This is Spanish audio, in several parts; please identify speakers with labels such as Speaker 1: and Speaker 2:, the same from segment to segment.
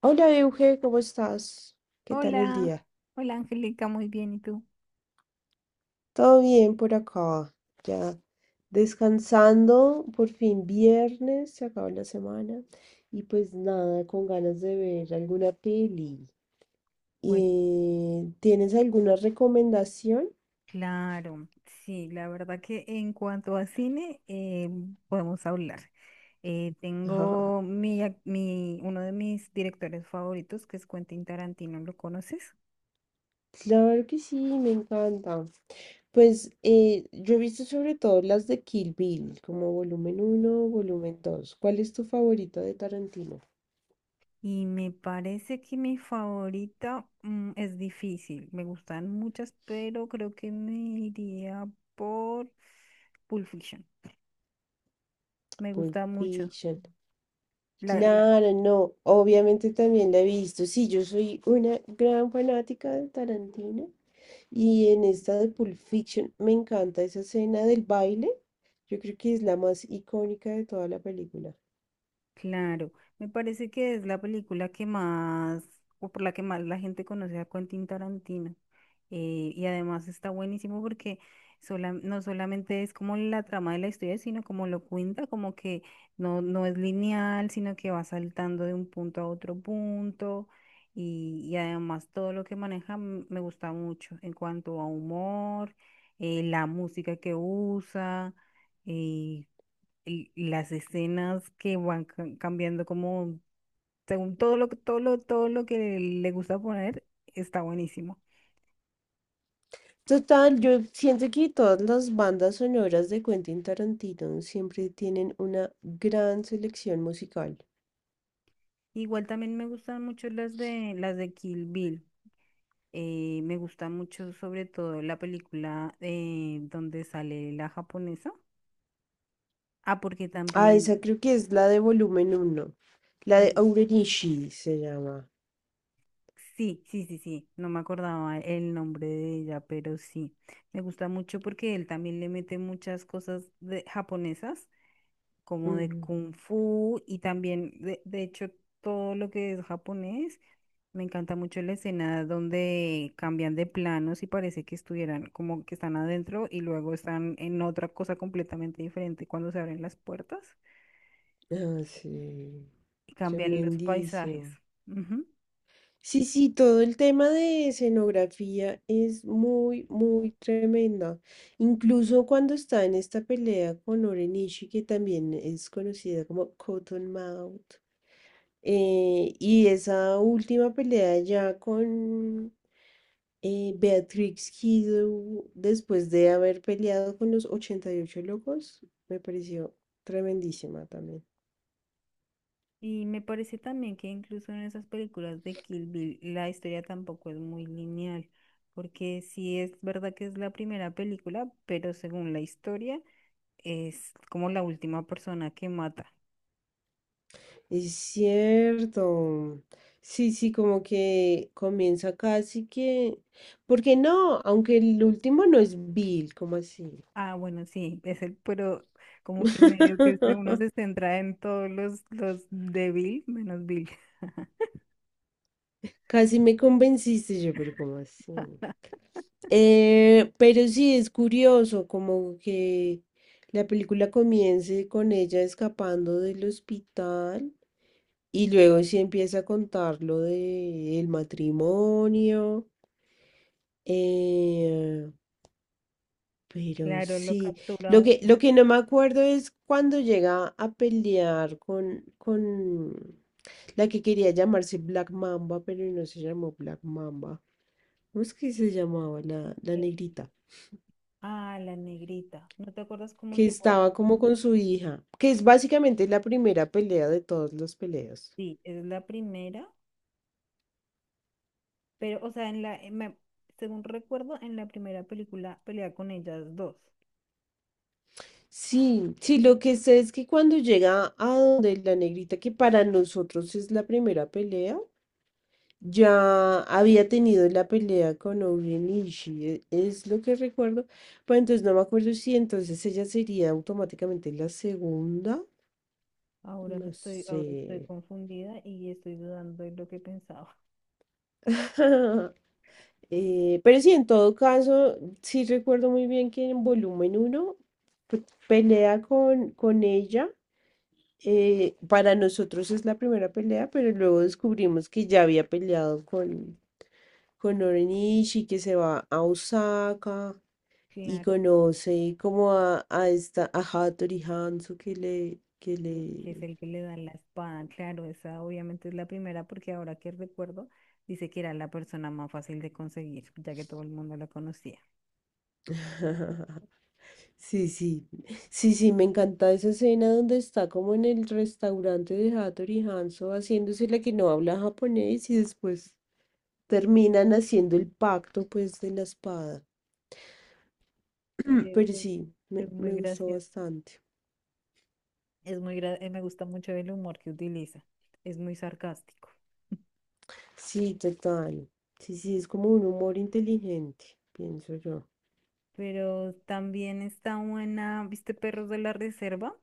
Speaker 1: Hola Euge, ¿cómo estás? ¿Qué tal el
Speaker 2: Hola,
Speaker 1: día?
Speaker 2: hola Angélica, muy bien, ¿y tú?
Speaker 1: Todo bien por acá, ya descansando, por fin viernes, se acabó la semana y pues nada, con ganas de ver alguna peli.
Speaker 2: Bueno,
Speaker 1: ¿Tienes alguna recomendación?
Speaker 2: claro, sí, la verdad que en cuanto a cine podemos hablar. Tengo mi, mi, uno de mis directores favoritos, que es Quentin Tarantino, ¿lo conoces?
Speaker 1: Claro que sí, me encanta. Pues yo he visto sobre todo las de Kill Bill, como volumen uno, volumen 2. ¿Cuál es tu favorito de Tarantino?
Speaker 2: Y me parece que mi favorita es difícil, me gustan muchas, pero creo que me iría por Pulp Fiction, me
Speaker 1: Pulp
Speaker 2: gusta mucho.
Speaker 1: Fiction.
Speaker 2: La la
Speaker 1: Claro, no, obviamente también la he visto. Sí, yo soy una gran fanática de Tarantino y en esta de Pulp Fiction me encanta esa escena del baile. Yo creo que es la más icónica de toda la película.
Speaker 2: Claro, me parece que es la película que más, o por la que más la gente conoce a Quentin Tarantino. Y además está buenísimo porque no solamente es como la trama de la historia, sino como lo cuenta, como que no, no es lineal, sino que va saltando de un punto a otro punto. Y además todo lo que maneja me gusta mucho en cuanto a humor, la música que usa. eh, y las escenas que van cambiando como según todo lo que todo lo que le gusta poner está buenísimo.
Speaker 1: Total, yo siento que todas las bandas sonoras de Quentin Tarantino siempre tienen una gran selección musical.
Speaker 2: Igual también me gustan mucho las de Kill Bill. Me gusta mucho sobre todo la película donde sale la japonesa. Ah, porque
Speaker 1: Ah,
Speaker 2: también
Speaker 1: esa creo que es la de volumen uno, la de
Speaker 2: sí,
Speaker 1: Aurenishi se llama.
Speaker 2: sí, no me acordaba el nombre de ella, pero sí. Me gusta mucho porque él también le mete muchas cosas de japonesas como de kung fu y también, de hecho, todo lo que es japonés. Me encanta mucho la escena donde cambian de planos y parece que estuvieran como que están adentro y luego están en otra cosa completamente diferente cuando se abren las puertas
Speaker 1: Ah, sí,
Speaker 2: y cambian los paisajes.
Speaker 1: tremendísimo.
Speaker 2: Ujú.
Speaker 1: Sí, sí, todo el tema de escenografía es muy, muy tremenda. Incluso cuando está en esta pelea con Orenishi, que también es conocida como Cottonmouth, y esa última pelea ya con Beatrix Kiddo, después de haber peleado con los 88 locos, me pareció tremendísima también.
Speaker 2: Y me parece también que incluso en esas películas de Kill Bill la historia tampoco es muy lineal, porque sí es verdad que es la primera película, pero según la historia es como la última persona que mata.
Speaker 1: Es cierto. Sí, sí, como que comienza casi que... ¿porque no? Aunque el último no es Bill, ¿cómo así?
Speaker 2: Ah, bueno, sí, es el, pero como que medio que uno se centra en todos los de Bill, menos Bill.
Speaker 1: Casi me convenciste yo, pero ¿cómo así? Pero sí, es curioso, como que la película comience con ella escapando del hospital y luego sí empieza a contar lo del matrimonio. eh, Pero
Speaker 2: Claro, lo
Speaker 1: sí,
Speaker 2: captura uno.
Speaker 1: lo que no me acuerdo es cuando llega a pelear con la que quería llamarse Black Mamba, pero no se llamó Black Mamba. ¿Cómo es que se llamaba la
Speaker 2: Eh,
Speaker 1: negrita?
Speaker 2: ah, la negrita. ¿No te acuerdas cómo
Speaker 1: Que
Speaker 2: llegó? A-
Speaker 1: estaba como con su hija, que es básicamente la primera pelea de todas las peleas.
Speaker 2: Sí, es la primera, pero, o sea, en en la- según recuerdo, en la primera película pelea con ellas dos.
Speaker 1: Sí, sí, lo que sé es que cuando llega a donde la negrita, que para nosotros es la primera pelea, ya había tenido la pelea con Orien Ishii, es lo que recuerdo. Pues entonces no me acuerdo si entonces ella sería automáticamente la segunda. No sé.
Speaker 2: Ahora estoy confundida y estoy dudando de lo que pensaba.
Speaker 1: Pero sí, en todo caso, sí recuerdo muy bien que en volumen 1 pelea con ella. Para nosotros es la primera pelea, pero luego descubrimos que ya había peleado con Orien Ishii, que se va a Osaka, y
Speaker 2: Claro.
Speaker 1: conoce como a esta, a Hattori Hanzo que
Speaker 2: Que es
Speaker 1: le...
Speaker 2: el que le da la espada. Claro, esa obviamente es la primera porque ahora que recuerdo, dice que era la persona más fácil de conseguir, ya que todo el mundo la conocía.
Speaker 1: Sí, sí, sí, sí, me encanta esa escena donde está como en el restaurante de Hattori Hanzo haciéndose la que no habla japonés y después terminan haciendo el pacto pues de la espada.
Speaker 2: Eh,
Speaker 1: Pero
Speaker 2: Es,
Speaker 1: sí,
Speaker 2: es muy
Speaker 1: me gustó
Speaker 2: gracioso.
Speaker 1: bastante.
Speaker 2: Me gusta mucho el humor que utiliza. Es muy sarcástico.
Speaker 1: Sí, total. Sí, sí, es como un humor inteligente, pienso yo.
Speaker 2: Pero también está buena, ¿viste? Perros de la reserva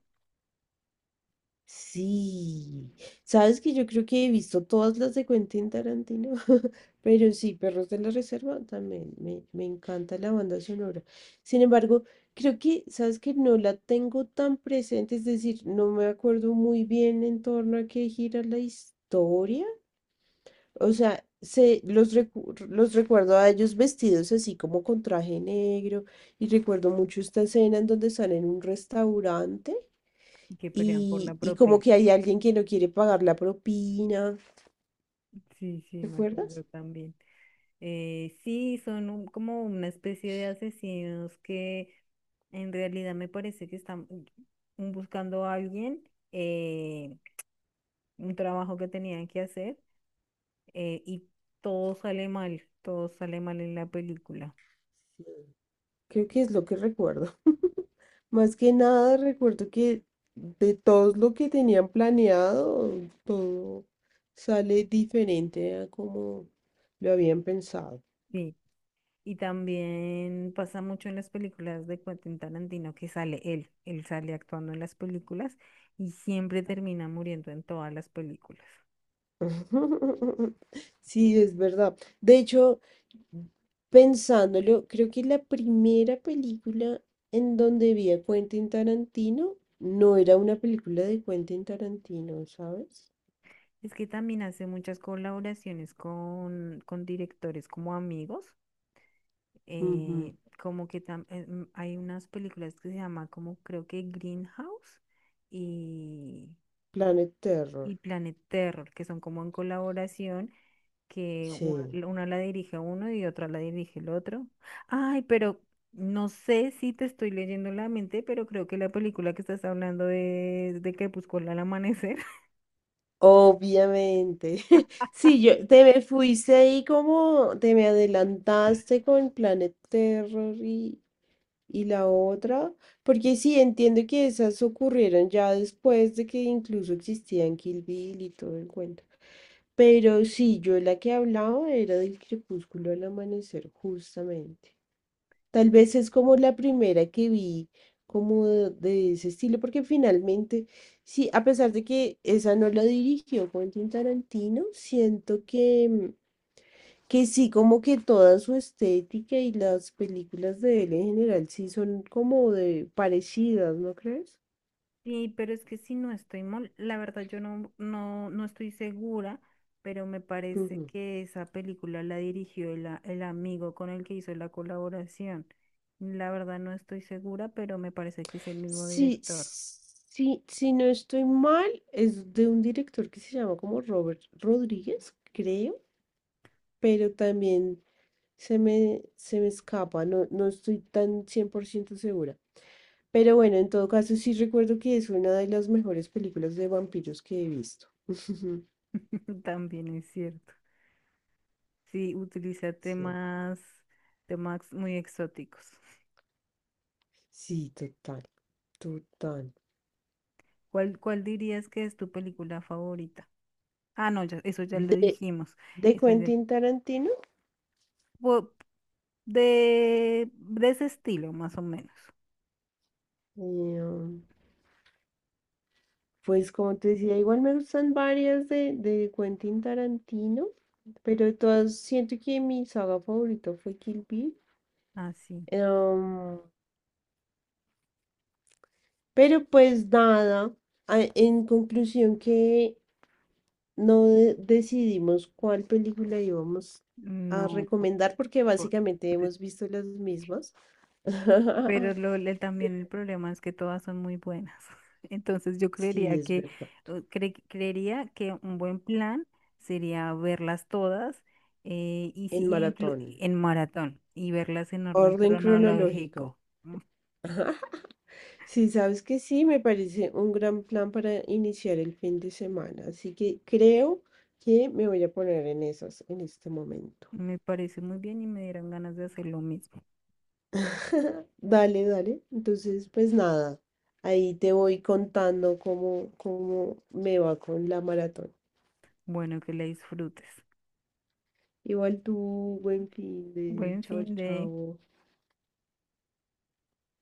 Speaker 1: Sí, sabes que yo creo que he visto todas las de Quentin Tarantino, pero sí, Perros de la Reserva también, me encanta la banda sonora. Sin embargo, creo que, sabes que no la tengo tan presente, es decir, no me acuerdo muy bien en torno a qué gira la historia. O sea, los recuerdo a ellos vestidos así como con traje negro, y recuerdo mucho esta escena en donde están en un restaurante
Speaker 2: y que pelean por la
Speaker 1: y como
Speaker 2: propina.
Speaker 1: que hay alguien que no quiere pagar la propina.
Speaker 2: Sí, sí, me
Speaker 1: ¿Recuerdas?
Speaker 2: acuerdo también. Sí, son como una especie de asesinos que en realidad me parece que están buscando a alguien, eh, un trabajo que tenían que hacer y todo sale mal en la película.
Speaker 1: Creo que es lo que recuerdo. Más que nada recuerdo que de todo lo que tenían planeado, todo sale diferente a como lo habían pensado.
Speaker 2: Sí. Y también pasa mucho en las películas de Quentin Tarantino que sale él, él sale actuando en las películas y siempre termina muriendo en todas las películas.
Speaker 1: Sí, es verdad. De hecho, pensándolo, creo que la primera película en donde vi a Quentin Tarantino no era una película de Quentin Tarantino, ¿sabes?
Speaker 2: Es que también hace muchas colaboraciones con directores como amigos.
Speaker 1: Ujú,
Speaker 2: eh, como que hay unas películas que se llama como creo que Greenhouse y,
Speaker 1: Planet Terror.
Speaker 2: y Planet Terror, que son como en colaboración, que
Speaker 1: Sí.
Speaker 2: una la dirige uno y otra la dirige el otro. Ay, pero no sé si te estoy leyendo la mente, pero creo que la película que estás hablando es de Crepúsculo al amanecer.
Speaker 1: Obviamente. Sí, yo te me fuiste ahí como te me adelantaste con Planet Terror y la otra, porque sí, entiendo que esas ocurrieron ya después de que incluso existían Kill Bill y todo el cuento. Pero sí, yo la que hablaba era del crepúsculo al amanecer, justamente. Tal vez es como la primera que vi, como de ese estilo, porque finalmente, sí, a pesar de que esa no la dirigió Quentin Tarantino, siento que sí, como que toda su estética y las películas de él en general sí son como de parecidas, ¿no crees?
Speaker 2: Sí, pero es que si no estoy mal, la verdad yo no, no, no estoy segura, pero me parece
Speaker 1: Ujú.
Speaker 2: que esa película la dirigió el amigo con el que hizo la colaboración. La verdad no estoy segura, pero me parece que es el mismo
Speaker 1: Sí,
Speaker 2: director.
Speaker 1: sí, si no estoy mal, es de un director que se llama como Robert Rodríguez, creo, pero también se me escapa, no, no estoy tan 100% segura. Pero bueno, en todo caso sí recuerdo que es una de las mejores películas de vampiros que he visto.
Speaker 2: También es cierto. Sí, utiliza
Speaker 1: Sí,
Speaker 2: temas muy exóticos.
Speaker 1: sí, total. Total.
Speaker 2: ¿Cuál, cuál dirías que es tu película favorita? Ah, no, ya- eso ya lo
Speaker 1: De,
Speaker 2: dijimos.
Speaker 1: de
Speaker 2: Eso ya-
Speaker 1: Quentin Tarantino,
Speaker 2: po- de ese estilo, más o menos.
Speaker 1: eh, um, pues como te decía, igual me gustan varias de Quentin Tarantino, pero de todas siento que mi saga favorita fue Kill Bill.
Speaker 2: Ah, sí.
Speaker 1: Eh, um, pero pues nada, en conclusión que no de- decidimos cuál película íbamos a
Speaker 2: No, po-
Speaker 1: recomendar porque
Speaker 2: po-
Speaker 1: básicamente
Speaker 2: pe-
Speaker 1: hemos visto las mismas.
Speaker 2: pero también el problema es que todas son muy buenas. Entonces yo creería
Speaker 1: Sí, es
Speaker 2: que,
Speaker 1: verdad.
Speaker 2: creería que un buen plan sería verlas todas y
Speaker 1: En
Speaker 2: si, e inclu-
Speaker 1: maratón.
Speaker 2: en maratón y verlas en orden
Speaker 1: Orden cronológico.
Speaker 2: cronológico.
Speaker 1: Sí, sabes que sí, me parece un gran plan para iniciar el fin de semana, así que creo que me voy a poner en esas en este momento.
Speaker 2: Me parece muy bien y me dieron ganas de hacer lo mismo.
Speaker 1: Dale, dale. Entonces, pues nada, ahí te voy contando cómo me va con la maratón.
Speaker 2: Bueno, que la disfrutes.
Speaker 1: Igual tú, buen fin de
Speaker 2: Buen
Speaker 1: chao,
Speaker 2: fin de...
Speaker 1: chao.